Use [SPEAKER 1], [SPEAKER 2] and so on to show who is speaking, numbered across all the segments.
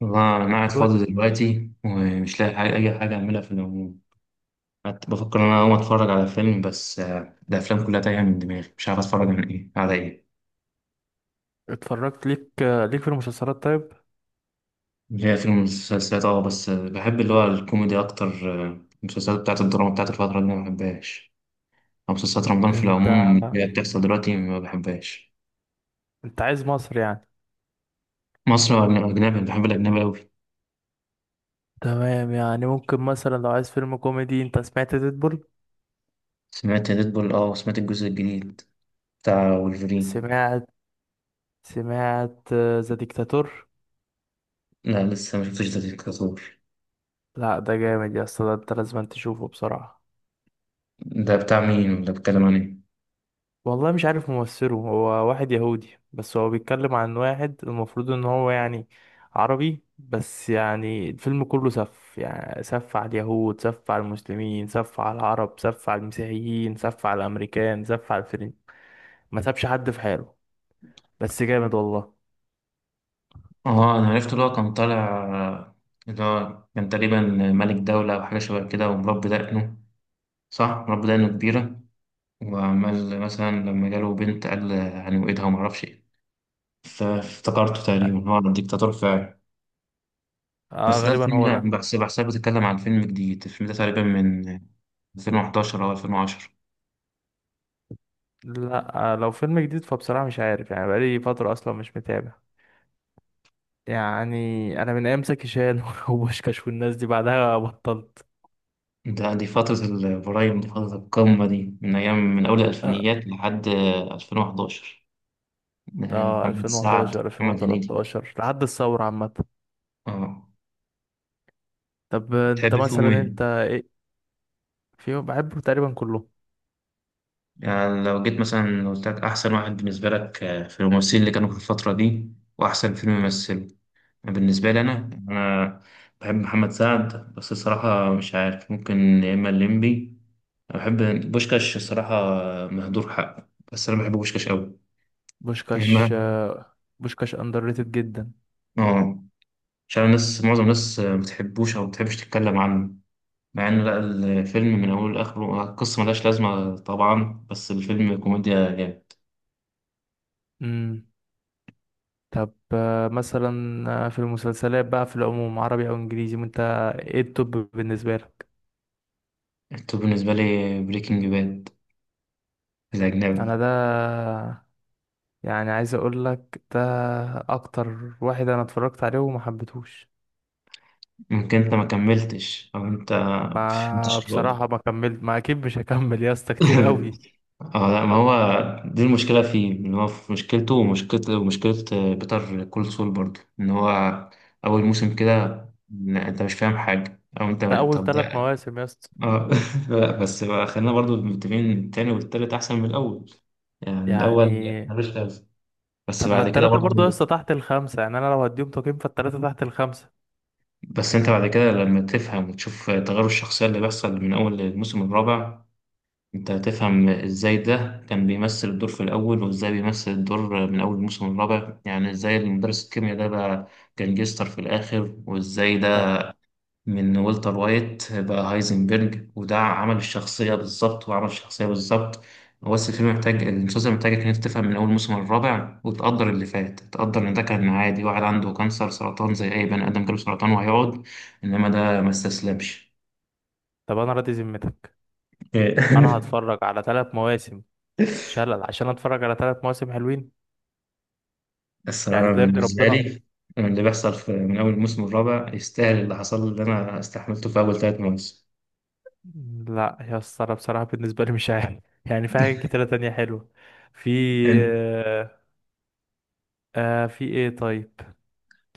[SPEAKER 1] والله أنا قاعد
[SPEAKER 2] بقول
[SPEAKER 1] فاضي
[SPEAKER 2] لك.
[SPEAKER 1] دلوقتي ومش لاقي حاجة أي حاجة أعملها في العموم. قعدت بفكر إن أنا أقوم أتفرج على فيلم بس الأفلام كلها تايهة من دماغي، مش عارف أتفرج عن إيه على إيه.
[SPEAKER 2] اتفرجت ليك في المسلسلات؟ طيب،
[SPEAKER 1] هي فيلم مسلسلات أه بس بحب اللي هو الكوميدي أكتر. المسلسلات بتاعت الدراما بتاعت الفترة دي ما بحبهاش، أو مسلسلات رمضان في
[SPEAKER 2] انت
[SPEAKER 1] العموم اللي هي بتحصل دلوقتي ما بحبهاش.
[SPEAKER 2] انت عايز مصر يعني؟
[SPEAKER 1] مصري ولا أجنبي، بحب الأجنبي أوي.
[SPEAKER 2] تمام، يعني ممكن مثلا لو عايز فيلم كوميدي، انت سمعت ديدبول؟
[SPEAKER 1] سمعت ديدبول أه وسمعت الجزء الجديد بتاع وولفرين.
[SPEAKER 2] سمعت سمعت ذا ديكتاتور؟
[SPEAKER 1] لا لسه ما شفتش ده ديكتاتور.
[SPEAKER 2] لا ده جامد يا اسطى، ده انت لازم تشوفه بصراحة.
[SPEAKER 1] ده بتاع مين ولا بيتكلم عن إيه؟
[SPEAKER 2] والله مش عارف ممثله، هو واحد يهودي بس هو بيتكلم عن واحد المفروض ان هو يعني عربي، بس يعني الفيلم كله سف، يعني سف على اليهود، سف على المسلمين، سف على العرب، سف على المسيحيين، سف على الامريكان، سف على الفرن. ما سابش حد في حاله، بس جامد والله.
[SPEAKER 1] اه انا عرفت اللي هو كان طالع، اللي هو كان تقريبا ملك دولة او حاجة شبه كده ومربي دقنه. صح، مربي دقنه كبيرة، وعمال مثلا لما جاله بنت قال هنوقدها ومعرفش ايه. فافتكرته تقريبا هو عن ديكتاتور فعلا.
[SPEAKER 2] اه
[SPEAKER 1] بس ده
[SPEAKER 2] غالبا
[SPEAKER 1] الفيلم
[SPEAKER 2] هو ده.
[SPEAKER 1] ده بس بحسها بتتكلم عن فيلم جديد، الفيلم ده تقريبا من 2011 او 2010.
[SPEAKER 2] لا آه، لو فيلم جديد فبصراحة مش عارف، يعني بقالي فترة اصلا مش متابع يعني. انا من ايام زكي شان وبوشكاش والناس دي، بعدها بطلت.
[SPEAKER 1] ده دي فترة البرايم، دي فترة القمة، دي من أيام من أول الألفينيات لحد 2011،
[SPEAKER 2] اه
[SPEAKER 1] محمد سعد
[SPEAKER 2] 2011
[SPEAKER 1] محمد هنيدي.
[SPEAKER 2] 2013 لحد الثورة عامة.
[SPEAKER 1] اه،
[SPEAKER 2] طب انت
[SPEAKER 1] تحب فيهم
[SPEAKER 2] مثلا
[SPEAKER 1] ايه؟
[SPEAKER 2] انت ايه في بحبه تقريبا كله؟
[SPEAKER 1] يعني لو جيت مثلا قلت لك أحسن واحد بالنسبة لك في الممثلين اللي كانوا في الفترة دي، وأحسن فيلم يمثله. بالنسبة لي أنا بحب محمد سعد، بس الصراحة مش عارف، ممكن يا إما الليمبي. أنا بحب بوشكاش، الصراحة مهدور حقه، بس أنا بحب بوشكاش أوي. يا
[SPEAKER 2] بوشكاش،
[SPEAKER 1] إما
[SPEAKER 2] بوشكاش اندر ريتد جدا.
[SPEAKER 1] آه، مش عارف الناس، معظم الناس ما بتحبوش أو ما بتحبش تتكلم عنه، مع إن لا، الفيلم من أوله لآخره القصة ملهاش لازمة طبعا، بس الفيلم كوميديا جامد.
[SPEAKER 2] امم طب مثلا، في المسلسلات بقى في العموم، عربي او انجليزي، انت ايه التوب بالنسبة لك؟
[SPEAKER 1] التوب بالنسبة لي بريكنج باد،
[SPEAKER 2] انا
[SPEAKER 1] الأجنبي.
[SPEAKER 2] ده، يعني عايز اقول لك ده اكتر واحد انا اتفرجت عليه وما حبيتهوش.
[SPEAKER 1] ممكن أنت ما كملتش، أو أنت ما
[SPEAKER 2] ما
[SPEAKER 1] فهمتش
[SPEAKER 2] بصراحة
[SPEAKER 1] الرؤية.
[SPEAKER 2] ما كملت، ما اكيد مش هكمل يا اسطى، كتير قوي.
[SPEAKER 1] اه لا، ما هو دي المشكلة فيه إن هو في مشكلته ومشكلة ومشكلة بيتر كول سول برضه، إن هو أول موسم كده لا، أنت مش فاهم حاجة، أو أنت.
[SPEAKER 2] ده اول
[SPEAKER 1] طب
[SPEAKER 2] ثلاث
[SPEAKER 1] ده،
[SPEAKER 2] مواسم يا اسطى،
[SPEAKER 1] اه لا بس بقى خلينا برضه متفقين إن التاني والتالت أحسن من الأول، يعني الأول
[SPEAKER 2] يعني
[SPEAKER 1] ملوش لازمة، بس
[SPEAKER 2] طب ما
[SPEAKER 1] بعد كده
[SPEAKER 2] التلاتة
[SPEAKER 1] برضه.
[SPEAKER 2] برضه يا اسطى تحت الخمسة، يعني أنا لو هديهم تقييم فالتلاتة تحت الخمسة.
[SPEAKER 1] بس انت بعد كده لما تفهم وتشوف تغير الشخصية اللي بيحصل من أول الموسم الرابع، انت هتفهم ازاي ده كان بيمثل الدور في الأول وازاي بيمثل الدور من أول الموسم الرابع، يعني ازاي المدرس الكيمياء ده بقى كان جيستر في الآخر، وازاي ده
[SPEAKER 2] طب
[SPEAKER 1] من والتر وايت بقى هايزنبرج، وده عمل الشخصية بالظبط، وعمل الشخصية بالظبط. هو بس الفيلم محتاج، المسلسل محتاجك إن أنت تفهم من أول موسم الرابع، وتقدر اللي فات، تقدر إن ده كان عادي واحد عنده كانسر سرطان زي أي بني آدم جاله سرطان وهيقعد، إنما ده ما استسلمش.
[SPEAKER 2] طب أنا راضي ذمتك؟ أنا هتفرج على تلات مواسم شلل عشان أتفرج على تلات مواسم حلوين؟ يعني
[SPEAKER 1] الصراحة
[SPEAKER 2] ده يرضي
[SPEAKER 1] بالنسبة
[SPEAKER 2] ربنا؟
[SPEAKER 1] لي اللي بيحصل في من أول الموسم الرابع يستاهل اللي حصل، اللي أنا استحملته في أول ثلاث مواسم.
[SPEAKER 2] لا يا اسطى أنا بصراحة بالنسبة لي مش عارف يعني في حاجات كتيرة تانية حلوة. في
[SPEAKER 1] أنت،
[SPEAKER 2] آه، في إيه طيب؟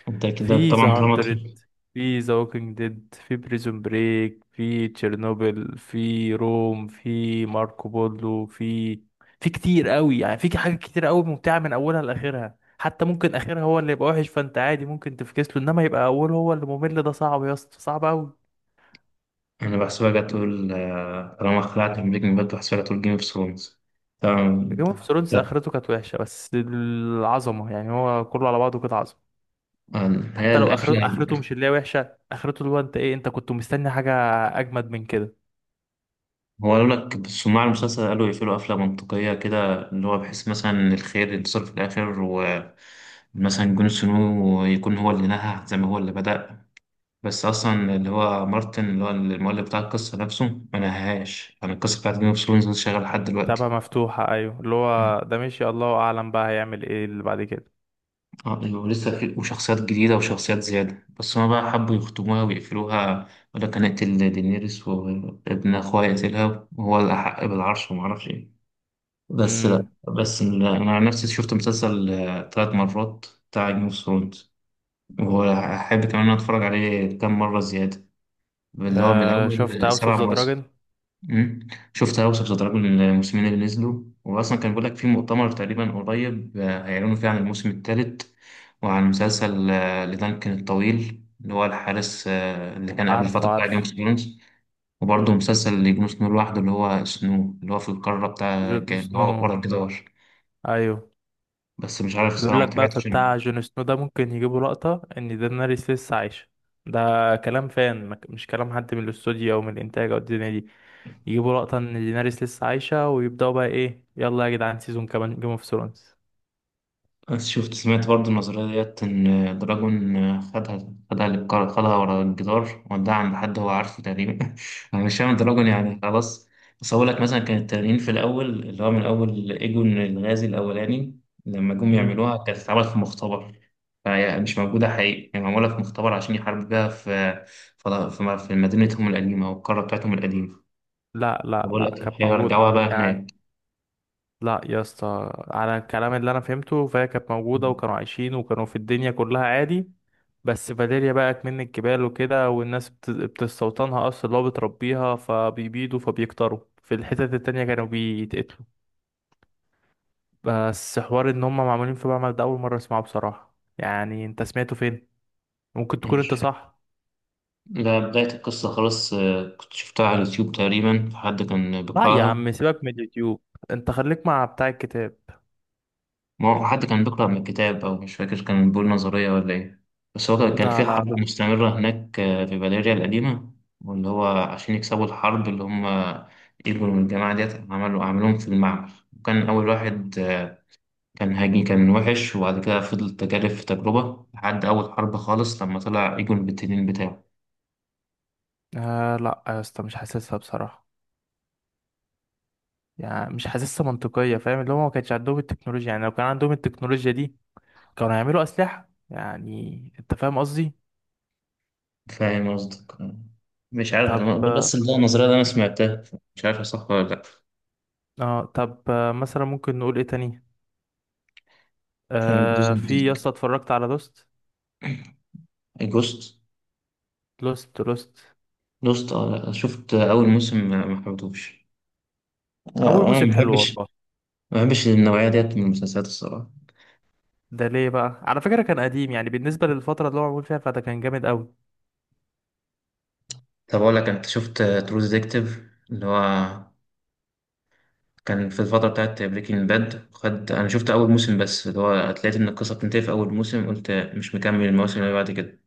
[SPEAKER 1] أنت كده
[SPEAKER 2] في ذا
[SPEAKER 1] طبعا طالما،
[SPEAKER 2] هاندرد، في ذا ووكينج ديد، في بريزون بريك، في تشيرنوبل، في روم، في ماركو بولو، في كتير قوي، يعني في حاجات كتير قوي ممتعة من اولها لاخرها. حتى ممكن اخرها هو اللي يبقى وحش فانت عادي ممكن تفكس له، انما يبقى اوله هو اللي ممل ده صعب يا اسطى، صعب قوي.
[SPEAKER 1] انا بحسبها جت تقول طالما خلعت من بريكنج باد بحسبها جت تقول جيم اوف ثرونز. تمام.
[SPEAKER 2] جيم اوف ثرونز
[SPEAKER 1] ده-
[SPEAKER 2] اخرته كانت وحشة بس العظمة، يعني هو كله على بعضه كده عظمة.
[SPEAKER 1] هي
[SPEAKER 2] حتى لو
[SPEAKER 1] القفله
[SPEAKER 2] اخرته،
[SPEAKER 1] يعني.
[SPEAKER 2] اخرته مش اللي هي وحشة، اخرته اللي هو انت ايه انت كنت مستني حاجة اجمد من كده؟
[SPEAKER 1] هو قالوا لك صناع المسلسل قالوا يقفلوا قفله منطقيه كده، اللي هو بحيث مثلا إن الخير ينتصر في الاخر، ومثلا جون سنو يكون هو اللي نهى زي ما هو اللي بدأ. بس اصلا اللي هو مارتن اللي هو المؤلف بتاع القصه نفسه ما نهاهاش، يعني القصه بتاعت جيم اوف ثرونز شغاله لحد
[SPEAKER 2] تبقى
[SPEAKER 1] دلوقتي.
[SPEAKER 2] مفتوحة أيوة، اللي هو ده ماشي، الله أعلم بقى هيعمل إيه اللي بعد كده.
[SPEAKER 1] اه ايوه، لسه في وشخصيات جديدة وشخصيات زيادة، بس هما بقى حبوا يختموها ويقفلوها، ولا كان يقتل دينيريس وابن أخوها يقتلها وهو الأحق بالعرش ومعرفش ايه. بس لا،
[SPEAKER 2] امم.
[SPEAKER 1] أنا عن نفسي شفت مسلسل تلات مرات بتاع جيم اوف ثرونز، وأحب كمان إن أنا أتفرج عليه كام مرة زيادة، اللي هو من
[SPEAKER 2] آه شفت
[SPEAKER 1] الأول
[SPEAKER 2] هاوس اوف
[SPEAKER 1] سبع
[SPEAKER 2] ذا
[SPEAKER 1] مواسم.
[SPEAKER 2] دراجون؟
[SPEAKER 1] مم. شفت أوسط تتراجم الموسمين اللي نزلوا، وأصلا كان بيقول لك في مؤتمر تقريبا قريب هيعلنوا فيه عن الموسم الثالث، وعن مسلسل لدانكن الطويل اللي هو الحارس اللي كان قبل
[SPEAKER 2] عارفه
[SPEAKER 1] الفترة بتاع جيم اوف
[SPEAKER 2] عارفه
[SPEAKER 1] ثرونز. وبرضه مسلسل لجون سنو لوحده، اللي هو سنو اللي هو في القارة بتاع
[SPEAKER 2] جون
[SPEAKER 1] اللي
[SPEAKER 2] سنو،
[SPEAKER 1] هو ورا الجدار.
[SPEAKER 2] أيوة.
[SPEAKER 1] بس مش عارف
[SPEAKER 2] بيقول
[SPEAKER 1] الصراحة ما
[SPEAKER 2] لك بقى في
[SPEAKER 1] تابعتش يعني.
[SPEAKER 2] بتاع جون سنو ده ممكن يجيبوا لقطة إن دينيريس لسه عايشة. ده كلام فان، ما ك- مش كلام حد من الاستوديو أو من الإنتاج أو الدنيا دي. يجيبوا لقطة إن دينيريس لسه عايشة، ويبدأوا بقى إيه يلا يا جدعان سيزون كمان جيم اوف ثرونز.
[SPEAKER 1] بس شفت، سمعت برضه النظرية ديت إن دراجون خدها، خدها للكار، خدها ورا الجدار وداها عند حد هو عارفه تقريبا. أنا مش فاهم دراجون يعني خلاص. بس هقول لك، مثلا كان التنانين في الأول اللي هو من أول إيجون الغازي الأولاني لما جم
[SPEAKER 2] امم.
[SPEAKER 1] يعملوها كانت اتعملت في مختبر، فهي مش موجودة حقيقي، هي معمولة في مختبر عشان يحاربوا بيها في في مدينتهم القديمة أو القارة بتاعتهم القديمة.
[SPEAKER 2] لا لا
[SPEAKER 1] بقول لك
[SPEAKER 2] لا، كانت موجودة
[SPEAKER 1] هيرجعوها بقى
[SPEAKER 2] يعني. لا يا اسطى، على الكلام اللي انا فهمته فهي كانت موجوده، وكانوا عايشين وكانوا في الدنيا كلها عادي. بس فاليريا بقت من الجبال وكده، والناس بتستوطنها اصلا اللي هو بتربيها، فبيبيدوا، فبيكتروا في الحتت التانية كانوا بيتقتلوا. بس حوار ان هم معمولين في معمل ده اول مره اسمعه بصراحه، يعني انت سمعته فين؟ ممكن
[SPEAKER 1] هناك.
[SPEAKER 2] تكون انت صح.
[SPEAKER 1] ده بداية القصة خلاص، كنت شفتها على اليوتيوب تقريبا فحد كان
[SPEAKER 2] لا يا
[SPEAKER 1] بيقرأها.
[SPEAKER 2] عم سيبك من اليوتيوب، انت خليك مع بتاع الكتاب.
[SPEAKER 1] ما هو حد كان بيقرأ من كتاب، أو مش فاكر كان بيقول نظرية ولا إيه. بس هو كان
[SPEAKER 2] لا
[SPEAKER 1] في
[SPEAKER 2] لا
[SPEAKER 1] حرب
[SPEAKER 2] لا.
[SPEAKER 1] مستمرة هناك في فاليريا القديمة، واللي هو عشان يكسبوا الحرب اللي هم إيجول والجماعة ديت عملوا عملوهم في المعمل. وكان أول واحد كان هاجي كان وحش، وبعد كده فضل تجارب في تجربة لحد أول حرب خالص لما طلع إيجول بالتنين بتاعه.
[SPEAKER 2] آه لا يا اسطى مش حاسسها بصراحه، يعني مش حاسسها منطقية، فاهم اللي هو ما كانش عندهم التكنولوجيا؟ يعني لو كان عندهم التكنولوجيا دي كانوا هيعملوا أسلحة، يعني أنت فاهم قصدي.
[SPEAKER 1] فاهم قصدك. مش عارف انا
[SPEAKER 2] طب.
[SPEAKER 1] بس اللي هو النظريه ده انا سمعتها، مش عارف صح ولا لا.
[SPEAKER 2] اه طب مثلا ممكن نقول إيه تاني؟ آه
[SPEAKER 1] بريزن
[SPEAKER 2] في يا
[SPEAKER 1] بريك،
[SPEAKER 2] اسطى، اتفرجت على لوست؟
[SPEAKER 1] جوست.
[SPEAKER 2] لوست.
[SPEAKER 1] جوست اه لا، شفت اول موسم ما حبيتهوش.
[SPEAKER 2] أول
[SPEAKER 1] لا، انا
[SPEAKER 2] موسم
[SPEAKER 1] ما
[SPEAKER 2] حلو
[SPEAKER 1] بحبش،
[SPEAKER 2] والله.
[SPEAKER 1] ما بحبش النوعيه ديت من المسلسلات الصراحه.
[SPEAKER 2] ده ليه بقى، على فكرة كان قديم يعني بالنسبة للفترة اللي هو معمول فيها، فده كان جامد أوي.
[SPEAKER 1] طب اقول لك انت شفت ترو ديتكتيف، اللي هو كان في الفتره بتاعت بريكنج باد، خد انا شفت اول موسم بس، اللي هو لقيت ان القصه بتنتهي في اول موسم، قلت مش مكمل المواسم اللي بعد كده.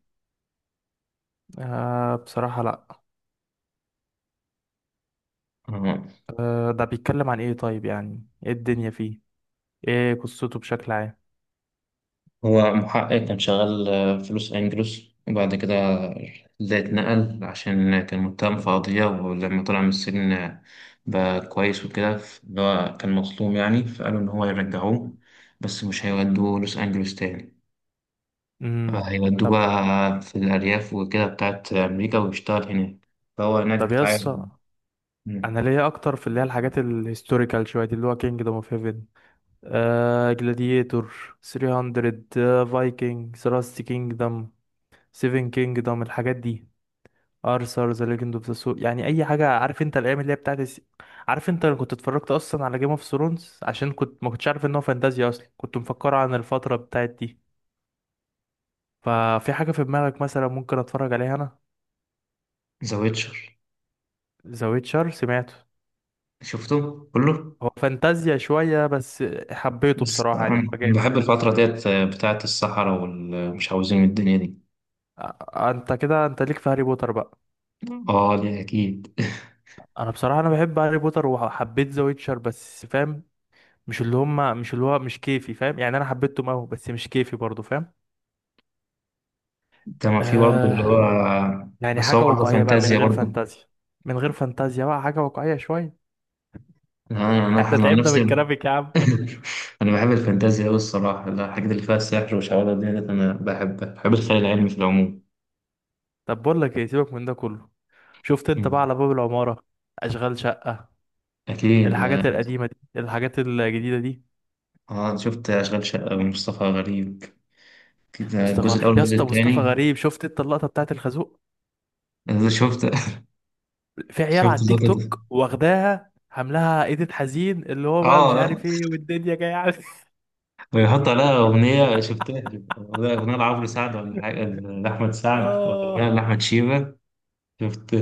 [SPEAKER 2] آه بصراحة لأ.
[SPEAKER 1] آه.
[SPEAKER 2] آه ده بيتكلم عن إيه طيب؟ يعني إيه الدنيا فيه؟ إيه قصته بشكل عام؟
[SPEAKER 1] هو محقق كان شغال في لوس أنجلوس، وبعد كده ده اتنقل عشان كان متهم في قضية، ولما طلع من السجن بقى كويس وكده، اللي هو كان مظلوم يعني، فقالوا إن هو يرجعوه، بس مش هيودوه لوس أنجلوس تاني،
[SPEAKER 2] امم.
[SPEAKER 1] هيودوه
[SPEAKER 2] طب.
[SPEAKER 1] بقى في الأرياف وكده بتاعت أمريكا ويشتغل هناك. فهو هناك
[SPEAKER 2] طب يا
[SPEAKER 1] بيتعامل.
[SPEAKER 2] اسطى انا ليا اكتر في اللي هي الحاجات الهيستوريكال شويه دي، اللي هو كينجدوم اوف هيفن، آه جلاديتور، 300، فايكنج، ثلاث كينجدم، سيفن كينجدم، الحاجات دي، ارثر ذا ليجند اوف ذا سو، يعني اي حاجه، عارف انت الايام اللي هي بتاعت الس... عارف انت انا كنت اتفرجت اصلا على جيم اوف ثرونز عشان كنت ما كنتش عارف ان هو فانتازيا، اصلا كنت مفكره عن الفتره بتاعت دي. ففي حاجه في دماغك مثلا ممكن اتفرج عليها انا؟
[SPEAKER 1] ذا ويتشر،
[SPEAKER 2] ذا ويتشر سمعته.
[SPEAKER 1] شفته كله.
[SPEAKER 2] هو فانتازيا شويه بس حبيته
[SPEAKER 1] بس
[SPEAKER 2] بصراحه، يعني هو
[SPEAKER 1] أنا
[SPEAKER 2] جامد.
[SPEAKER 1] بحب الفترة ديت بتاعت الصحراء والمش عاوزين الدنيا دي.
[SPEAKER 2] آه، انت كده انت ليك في هاري بوتر بقى.
[SPEAKER 1] اه دي اكيد.
[SPEAKER 2] انا بصراحه انا بحب هاري بوتر وحبيت ذا ويتشر بس فاهم، مش اللي هم، مش اللي هو مش كيفي فاهم؟ يعني انا حبيتهم قوي بس مش كيفي برضو فاهم.
[SPEAKER 1] كما في برضه اللي هو.
[SPEAKER 2] آه يعني
[SPEAKER 1] بس
[SPEAKER 2] حاجه
[SPEAKER 1] هو برضه
[SPEAKER 2] واقعيه بقى من
[SPEAKER 1] فانتازيا
[SPEAKER 2] غير
[SPEAKER 1] برضه.
[SPEAKER 2] فانتازيا. من غير فانتازيا بقى، حاجه واقعيه شويه.
[SPEAKER 1] انا انا
[SPEAKER 2] احنا
[SPEAKER 1] أنا عن
[SPEAKER 2] تعبنا من
[SPEAKER 1] نفسي
[SPEAKER 2] الكرافيك يا عم.
[SPEAKER 1] انا بحب الفانتازيا قوي الصراحه، لا، الحاجات اللي فيها السحر والشعوذه ديت انا بحبها، بحب الخيال العلمي في العموم.
[SPEAKER 2] طب بقول لك ايه، سيبك من ده كله، شفت انت بقى
[SPEAKER 1] مم.
[SPEAKER 2] على باب العماره؟ اشغال شقه؟
[SPEAKER 1] اكيد.
[SPEAKER 2] الحاجات القديمه دي، الحاجات الجديده دي.
[SPEAKER 1] اه أنا شفت اشغال شقه ومصطفى غريب كده،
[SPEAKER 2] مصطفى
[SPEAKER 1] الجزء الاول
[SPEAKER 2] يا
[SPEAKER 1] والجزء
[SPEAKER 2] اسطى، مصطفى
[SPEAKER 1] الثاني.
[SPEAKER 2] غريب، شفت انت اللقطه بتاعت الخازوق؟
[SPEAKER 1] أنا شفت.
[SPEAKER 2] في عيال
[SPEAKER 1] شفت
[SPEAKER 2] على التيك
[SPEAKER 1] اللقطه دي.
[SPEAKER 2] توك واخداها عاملاها ايديت حزين، اللي هو بقى مش
[SPEAKER 1] اه،
[SPEAKER 2] عارف ايه والدنيا جايه عليه
[SPEAKER 1] ويحط عليها اغنيه، شفتها اغنيه لعمرو سعد، ولا حاجه لاحمد سعد، ولا اغنيه
[SPEAKER 2] اه
[SPEAKER 1] لاحمد شيبه. شفت؟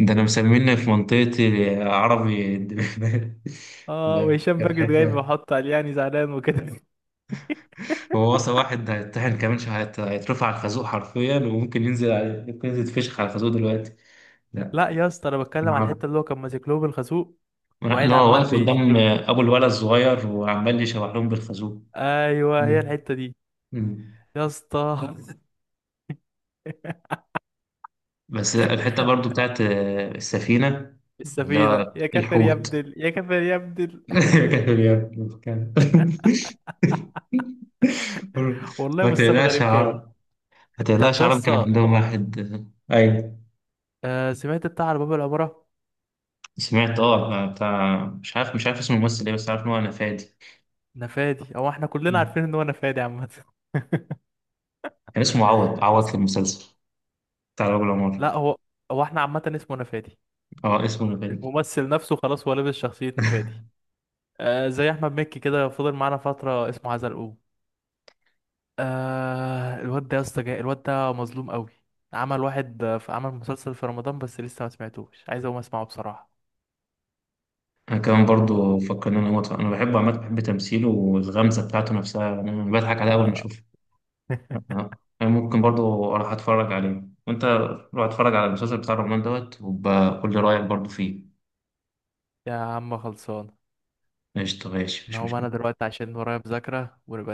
[SPEAKER 1] ده انا مسميني في منطقتي عربي.
[SPEAKER 2] اه
[SPEAKER 1] ده
[SPEAKER 2] وهشام
[SPEAKER 1] كانت
[SPEAKER 2] ماجد جاي
[SPEAKER 1] حته.
[SPEAKER 2] بيحط عليه يعني زعلان وكده
[SPEAKER 1] هو وصل واحد هيتطحن كمان شويه، هيترفع على الخازوق حرفيا، وممكن ينزل فشخ على الخازوق دلوقتي. لا،
[SPEAKER 2] لا يا اسطى انا بتكلم على
[SPEAKER 1] عربي،
[SPEAKER 2] الحته اللي هو كان ماسك له بالخازوق
[SPEAKER 1] لا
[SPEAKER 2] وقاعد
[SPEAKER 1] لا، هو
[SPEAKER 2] عمال
[SPEAKER 1] واقف
[SPEAKER 2] بيش.
[SPEAKER 1] قدام ابو الولد الصغير وعمال يشوح لهم بالخازوق.
[SPEAKER 2] ايوه هي
[SPEAKER 1] مم.
[SPEAKER 2] الحته دي
[SPEAKER 1] مم.
[SPEAKER 2] يا اسطى
[SPEAKER 1] بس الحته برضو بتاعت السفينه، اللي
[SPEAKER 2] السفينه،
[SPEAKER 1] هو
[SPEAKER 2] يا كافر يا
[SPEAKER 1] الحوت.
[SPEAKER 2] ابدل، يا كافر يا ابدل
[SPEAKER 1] كان-
[SPEAKER 2] والله
[SPEAKER 1] ما
[SPEAKER 2] مصطفى
[SPEAKER 1] تقلقش يا
[SPEAKER 2] غريب جامد.
[SPEAKER 1] عرب، ما
[SPEAKER 2] طب
[SPEAKER 1] تقلقش
[SPEAKER 2] يا
[SPEAKER 1] عربي كان
[SPEAKER 2] اسطى،
[SPEAKER 1] عندهم واحد. ايوه.
[SPEAKER 2] آه، سمعت بتاع على باب العماره؟
[SPEAKER 1] سمعت اه بتاع، مش عارف، مش عارف اسم الممثل ايه، بس عارف ان هو نفادي.
[SPEAKER 2] نفادي، هو احنا كلنا عارفين ان هو نفادي عامه
[SPEAKER 1] كان اسمه عوض عوض في
[SPEAKER 2] بس
[SPEAKER 1] المسلسل بتاع الراجل عمر.
[SPEAKER 2] لا هو، هو احنا عامة اسمه نفادي،
[SPEAKER 1] اه اسمه نفادي.
[SPEAKER 2] الممثل نفسه خلاص هو لابس شخصية نفادي. آه زي احمد مكي كده، فضل معانا فترة اسمه عزلقوه. آه الواد ده يا اسطى الواد ده مظلوم قوي. عمل واحد في، عمل مسلسل في رمضان بس لسه ما سمعتوش، عايز اقوم اسمعه بصراحة.
[SPEAKER 1] انا كمان
[SPEAKER 2] آه.
[SPEAKER 1] برضو فكرني انا موت، انا بحبه عامه، بحب تمثيله والغمزه بتاعته نفسها يعني، انا بضحك عليها اول ما
[SPEAKER 2] آه.
[SPEAKER 1] اشوفها. انا ممكن برضو اروح اتفرج عليه، وانت روح اتفرج على المسلسل بتاع الرحمن دوت وبقول لي رايك برضو فيه.
[SPEAKER 2] يا عم خلصان.
[SPEAKER 1] قشطه، ماشي،
[SPEAKER 2] انا
[SPEAKER 1] مش
[SPEAKER 2] هقوم انا
[SPEAKER 1] مشكله.
[SPEAKER 2] دلوقتي عشان ورايا مذاكرة، ونبقى